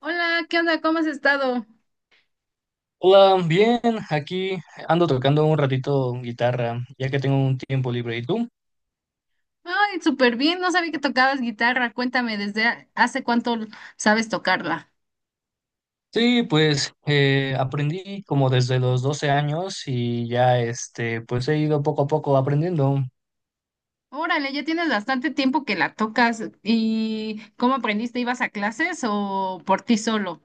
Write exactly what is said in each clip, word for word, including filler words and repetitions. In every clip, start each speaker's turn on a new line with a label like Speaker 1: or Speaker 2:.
Speaker 1: Hola, ¿qué onda? ¿Cómo has estado?
Speaker 2: Hola, bien, aquí ando tocando un ratito guitarra, ya que tengo un tiempo libre. ¿Y tú?
Speaker 1: Ay, súper bien, no sabía que tocabas guitarra. Cuéntame, ¿desde ha- hace cuánto sabes tocarla?
Speaker 2: Sí, pues eh, aprendí como desde los doce años y ya este, pues he ido poco a poco aprendiendo.
Speaker 1: Órale, ya tienes bastante tiempo que la tocas. ¿Y cómo aprendiste? ¿Ibas a clases o por ti solo?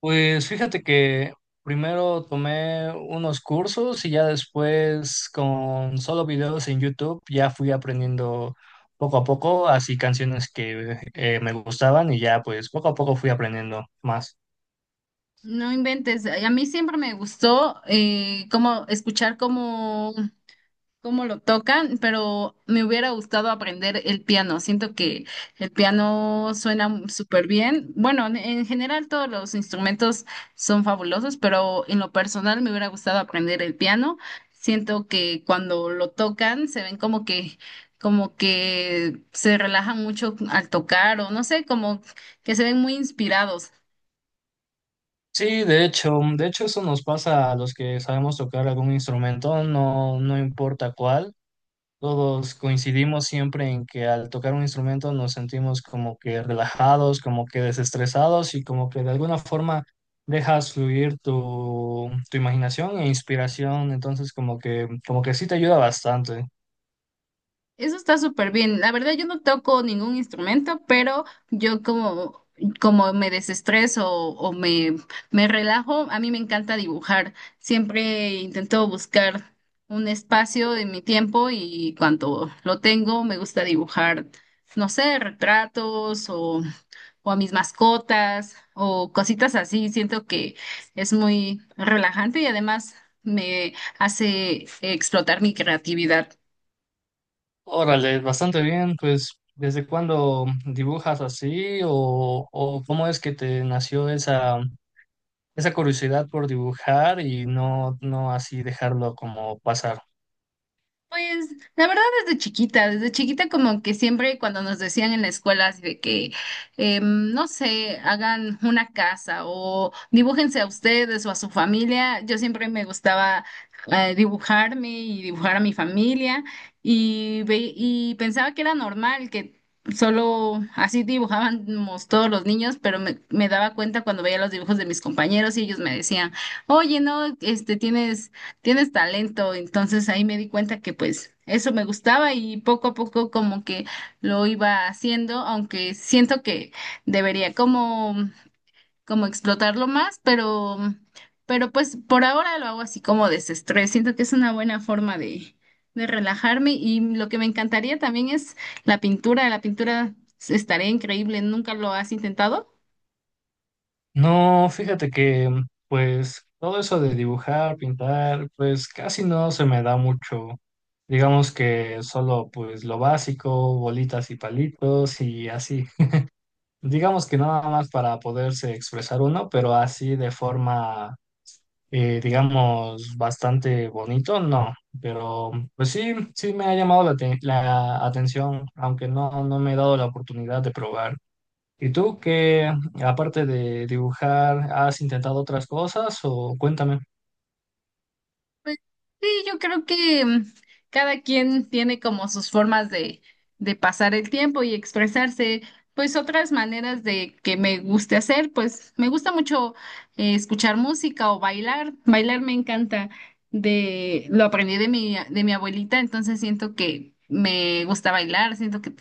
Speaker 2: Pues fíjate que primero tomé unos cursos y ya después con solo videos en YouTube ya fui aprendiendo poco a poco, así canciones que eh, me gustaban y ya pues poco a poco fui aprendiendo más.
Speaker 1: No inventes. A mí siempre me gustó eh, como escuchar como cómo lo tocan, pero me hubiera gustado aprender el piano. Siento que el piano suena súper bien. Bueno, en en general todos los instrumentos son fabulosos, pero en lo personal me hubiera gustado aprender el piano. Siento que cuando lo tocan se ven como que como que se relajan mucho al tocar o no sé, como que se ven muy inspirados.
Speaker 2: Sí, de hecho, mm, de hecho eso nos pasa a los que sabemos tocar algún instrumento, no, no importa cuál. Todos coincidimos siempre en que al tocar un instrumento nos sentimos como que relajados, como que desestresados y como que de alguna forma dejas fluir tu, tu imaginación e inspiración. Entonces como que, como que sí te ayuda bastante.
Speaker 1: Eso está súper bien. La verdad, yo no toco ningún instrumento, pero yo como, como me desestreso o, me, me relajo, a mí me encanta dibujar. Siempre intento buscar un espacio de mi tiempo y cuando lo tengo, me gusta dibujar, no sé, retratos o, o a mis mascotas o cositas así. Siento que es muy relajante y además me hace explotar mi creatividad.
Speaker 2: Órale, bastante bien. Pues, ¿desde cuándo dibujas así o, o cómo es que te nació esa esa curiosidad por dibujar y no, no así dejarlo como pasar?
Speaker 1: Pues la verdad desde chiquita, desde chiquita como que siempre cuando nos decían en la escuela así de que, em, no sé, hagan una casa o dibújense a ustedes o a su familia, yo siempre me gustaba eh, dibujarme y dibujar a mi familia y, ve- y pensaba que era normal, que solo así dibujábamos todos los niños, pero me, me daba cuenta cuando veía los dibujos de mis compañeros y ellos me decían, oye, no, este tienes tienes talento. Entonces ahí me di cuenta que pues eso me gustaba y poco a poco como que lo iba haciendo, aunque siento que debería como, como explotarlo más, pero, pero pues por ahora lo hago así como desestrés. Siento que es una buena forma de, de relajarme y lo que me encantaría también es la pintura. La pintura estaría increíble. ¿Nunca lo has intentado?
Speaker 2: No, fíjate que mm, pues todo eso de dibujar, pintar, pues casi no se me da mucho. Digamos que solo pues lo básico, bolitas y palitos y así. Digamos que nada más para poderse expresar uno, pero así de forma eh, digamos, bastante bonito, no, pero pues sí, sí me ha llamado la, te- la atención, aunque no, no me he dado la oportunidad de probar. ¿Y tú qué, aparte de dibujar, has intentado otras cosas o cuéntame?
Speaker 1: Pues sí, yo creo que mm, cada quien tiene como sus formas de, de pasar el tiempo y expresarse, pues otras maneras de que me guste hacer, pues me gusta mucho eh, escuchar música o bailar, bailar me encanta, de, lo aprendí de mi, de mi abuelita, entonces siento que me gusta bailar, siento que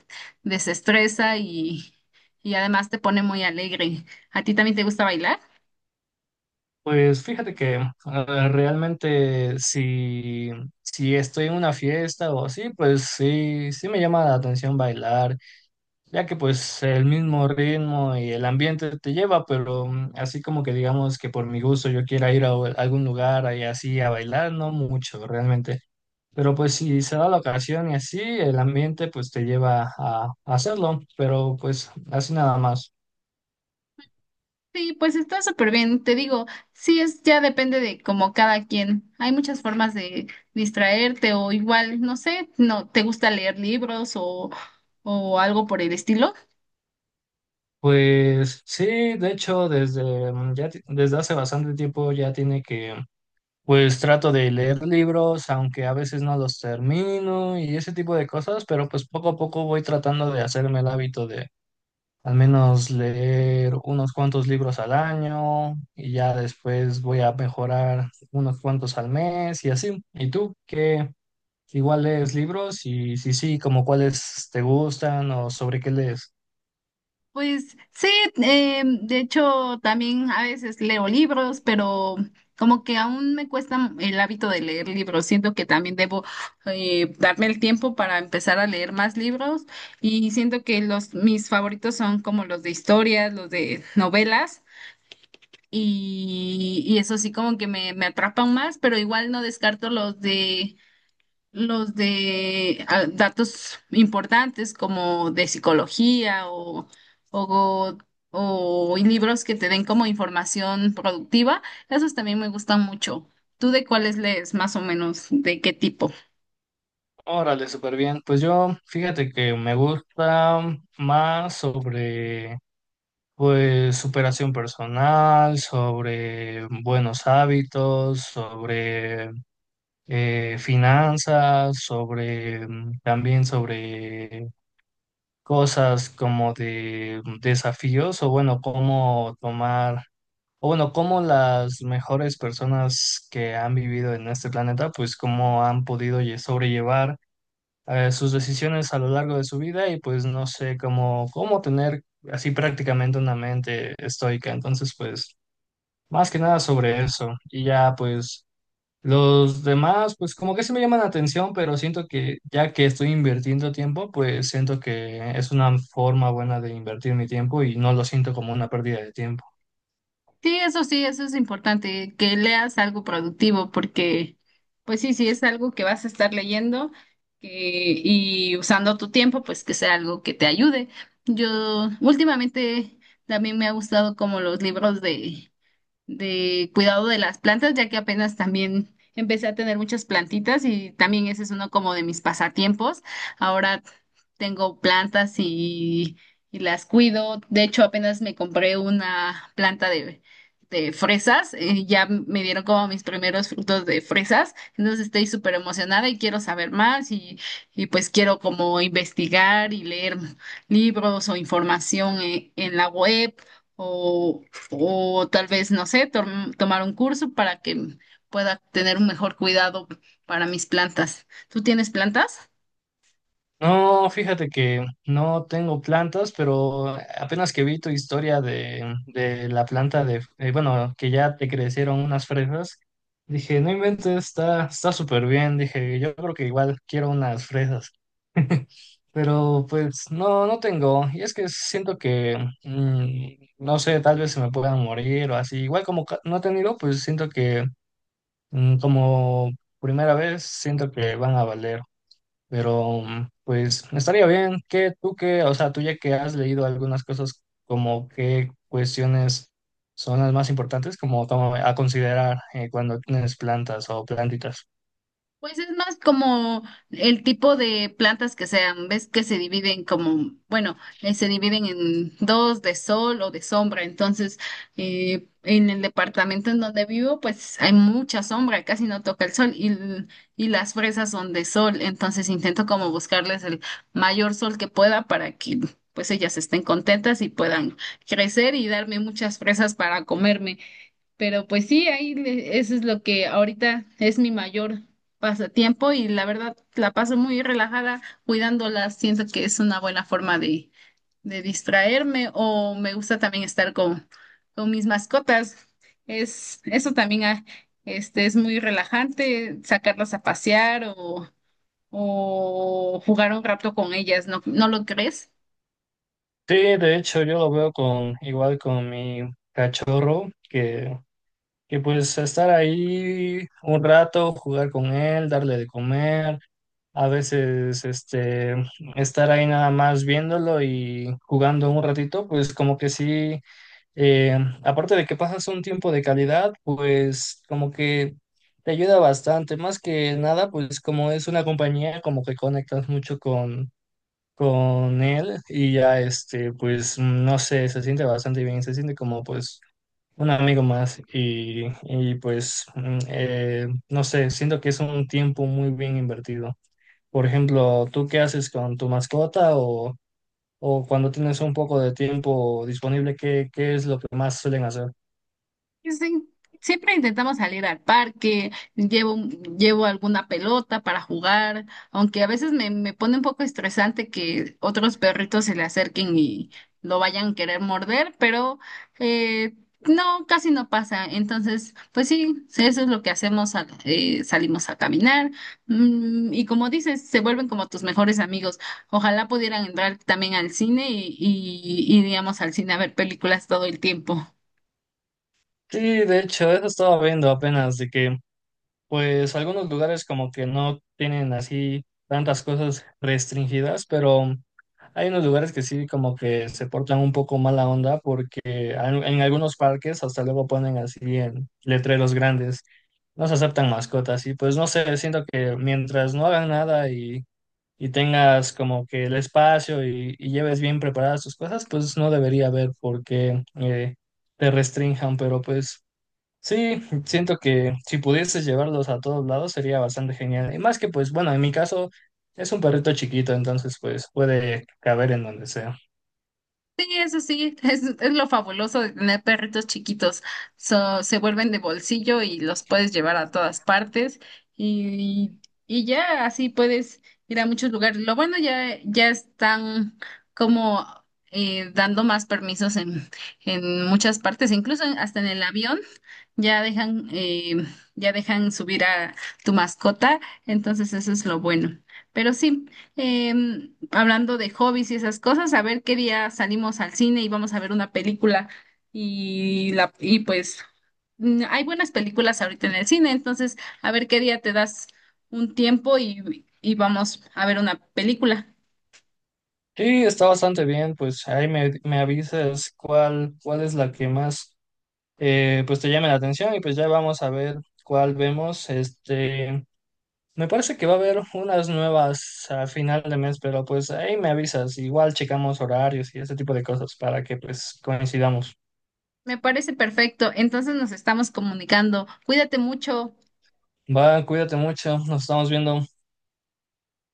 Speaker 1: desestresa y, y además te pone muy alegre. ¿A ti también te gusta bailar?
Speaker 2: Pues fíjate que eh, realmente si, si estoy en una fiesta o así, pues sí, sí me llama la atención bailar. Ya que pues el mismo ritmo y el ambiente te lleva, pero mm, así como que digamos que por mi gusto yo quiera ir a o- algún lugar ahí así a bailar, no mucho realmente, pero pues si se da la ocasión y así, el ambiente pues te lleva a a hacerlo, pero pues así nada más.
Speaker 1: Sí, pues está súper bien, te digo, sí es, ya depende de como cada quien. Hay muchas formas de distraerte o igual, no sé, no te gusta leer libros o, o algo por el estilo.
Speaker 2: Pues sí, de hecho, desde, mm, ya, ti- desde hace bastante tiempo ya tiene que, pues trato de leer libros, aunque a veces no los termino y ese tipo de cosas, pero pues poco a poco voy tratando de hacerme el hábito de al menos leer unos cuantos libros al año y ya después voy a mejorar unos cuantos al mes y así. ¿Y tú qué? Igual lees libros y si sí, como cuáles te gustan o sobre qué lees.
Speaker 1: Pues sí, eh, de hecho también a veces leo libros, pero como que aún me cuesta el hábito de leer libros. Siento que también debo eh, darme el tiempo para empezar a leer más libros y siento que los mis favoritos son como los de historias, los de novelas. Y, y eso sí como que me, me atrapan más, pero igual no descarto los de los de ah, datos importantes como de psicología o, o, o libros que te den como información productiva, esos también me gustan mucho. ¿Tú de cuáles lees más o menos? ¿De qué tipo?
Speaker 2: Órale, súper bien. Pues yo, fíjate que me gusta más sobre, pues, superación personal, sobre buenos hábitos, sobre eh, finanzas, sobre mm, también sobre cosas como de mm, desafíos o bueno, cómo tomar o bueno, cómo las mejores personas que han vivido en este planeta, pues cómo han podido lle- sobrellevar eh, sus decisiones a lo largo de su vida y pues no sé cómo, cómo tener así prácticamente una mente estoica. Entonces, pues más que nada sobre eso. Y ya pues los demás, pues como que sí me llaman la atención, pero siento que ya que estoy invirtiendo tiempo, pues siento que es una forma buena de invertir mi tiempo y no lo siento como una pérdida de tiempo.
Speaker 1: Sí, eso sí, eso es importante, que leas algo productivo, porque pues sí, si es algo que vas a estar leyendo que- y usando tu tiempo, pues que sea algo que te ayude. Yo últimamente también me ha gustado como los libros de de cuidado de las plantas, ya que apenas también empecé a tener muchas plantitas y también ese es uno como de mis pasatiempos. Ahora tengo plantas y, y las cuido. De hecho, apenas me compré una planta de, de fresas. Eh, ya me dieron como mis primeros frutos de fresas. Entonces estoy súper emocionada y quiero saber más y, y pues quiero como investigar y leer libros o información en en la web. O, o tal vez, no sé, tom- tomar un curso para que pueda tener un mejor cuidado para mis plantas. ¿Tú tienes plantas?
Speaker 2: No, fíjate que no tengo plantas, pero apenas que vi tu historia de, de la planta de, eh, bueno, que ya te crecieron unas fresas, dije, no inventes, está, está súper bien, dije, yo creo que igual quiero unas fresas, pero pues no, no tengo, y es que siento que, mm, no sé, tal vez se me puedan morir o así, igual como ca- no he tenido, pues siento que mm, como primera vez, siento que van a valer. Pero mm, pues estaría bien que tú que, o sea, tú ya que has leído algunas cosas, como qué cuestiones son las más importantes, como toma- a considerar eh, cuando tienes plantas o plantitas.
Speaker 1: Pues es más como el tipo de plantas que sean, ves que se dividen como, bueno, eh, se dividen en dos, de sol o de sombra. Entonces, eh, en el departamento en donde vivo, pues hay mucha sombra, casi no toca el sol y, l- y las fresas son de sol. Entonces intento como buscarles el mayor sol que pueda para que pues ellas estén contentas y puedan crecer y darme muchas fresas para comerme. Pero pues sí, ahí le- eso es lo que ahorita es mi mayor pasatiempo y la verdad la paso muy relajada cuidándolas. Siento que es una buena forma de, de distraerme o me gusta también estar con, con mis mascotas. Es, eso también ah, este, es muy relajante, sacarlas a pasear o, o jugar un rato con ellas, ¿no, no lo crees?
Speaker 2: Sí, de hecho yo lo veo con igual con mi cachorro, que, que pues estar ahí un rato, jugar con él, darle de comer, a veces este estar ahí nada más viéndolo y jugando un ratito, pues como que sí, Eh, aparte de que pasas un tiempo de calidad, pues como que te ayuda bastante. Más que nada, pues como es una compañía, como que conectas mucho con, con él y ya este, pues no sé, se siente bastante bien, se siente como pues un amigo más y, y pues mm, eh, no sé, siento que es un tiempo muy bien invertido. Por ejemplo, ¿tú qué haces con tu mascota o, o cuando tienes un poco de tiempo disponible, qué, qué es lo que más suelen hacer?
Speaker 1: Sí, sí. Siempre intentamos salir al parque, llevo, llevo alguna pelota para jugar, aunque a veces me, me pone un poco estresante que otros perritos se le acerquen y lo vayan a querer morder, pero eh, no, casi no pasa. Entonces, pues sí, eso es lo que hacemos, al- eh, salimos a caminar mm, y como dices, se vuelven como tus mejores amigos. Ojalá pudieran entrar también al cine y, y iríamos al cine a ver películas todo el tiempo.
Speaker 2: Sí, de hecho, eso estaba viendo apenas, de que pues algunos lugares como que no tienen así tantas cosas restringidas, pero hay unos lugares que sí como que se portan un poco mala onda porque al- en algunos parques hasta luego ponen así en letreros grandes, no se aceptan mascotas y pues no sé, siento que mientras no hagan nada y, y tengas como que el espacio y, y lleves bien preparadas tus cosas, pues no debería haber por qué eh, te restrinjan, pero pues... Sí, siento que si pudieses llevarlos a todos lados sería bastante genial. Y más que pues, bueno, en mi caso es un perrito chiquito, entonces pues puede caber en donde sea.
Speaker 1: Sí, eso sí, es, es lo fabuloso de tener perritos chiquitos. So, se vuelven de bolsillo y los puedes llevar a todas partes y, y ya así puedes ir a muchos lugares. Lo bueno ya, ya están como eh, dando más permisos en, en muchas partes, incluso en- hasta en el avión. Ya dejan, eh, ya dejan subir a tu mascota, entonces eso es lo bueno. Pero sí, em, hablando de hobbies y esas cosas, a ver qué día salimos al cine y vamos a ver una película y la, y pues mm, hay buenas películas ahorita en el cine, entonces a ver qué día te das un tiempo y, y vamos a ver una película.
Speaker 2: Sí, está bastante bien, pues ahí me, me avisas cuál, cuál es la que más eh, pues te llame la atención y pues ya vamos a ver cuál vemos. Este, me parece que va a haber unas nuevas a final de mes, pero pues ahí me avisas. Igual checamos horarios y ese tipo de cosas para que pues coincidamos.
Speaker 1: Me parece perfecto, entonces nos estamos comunicando. Cuídate mucho.
Speaker 2: Va, cuídate mucho, nos estamos viendo.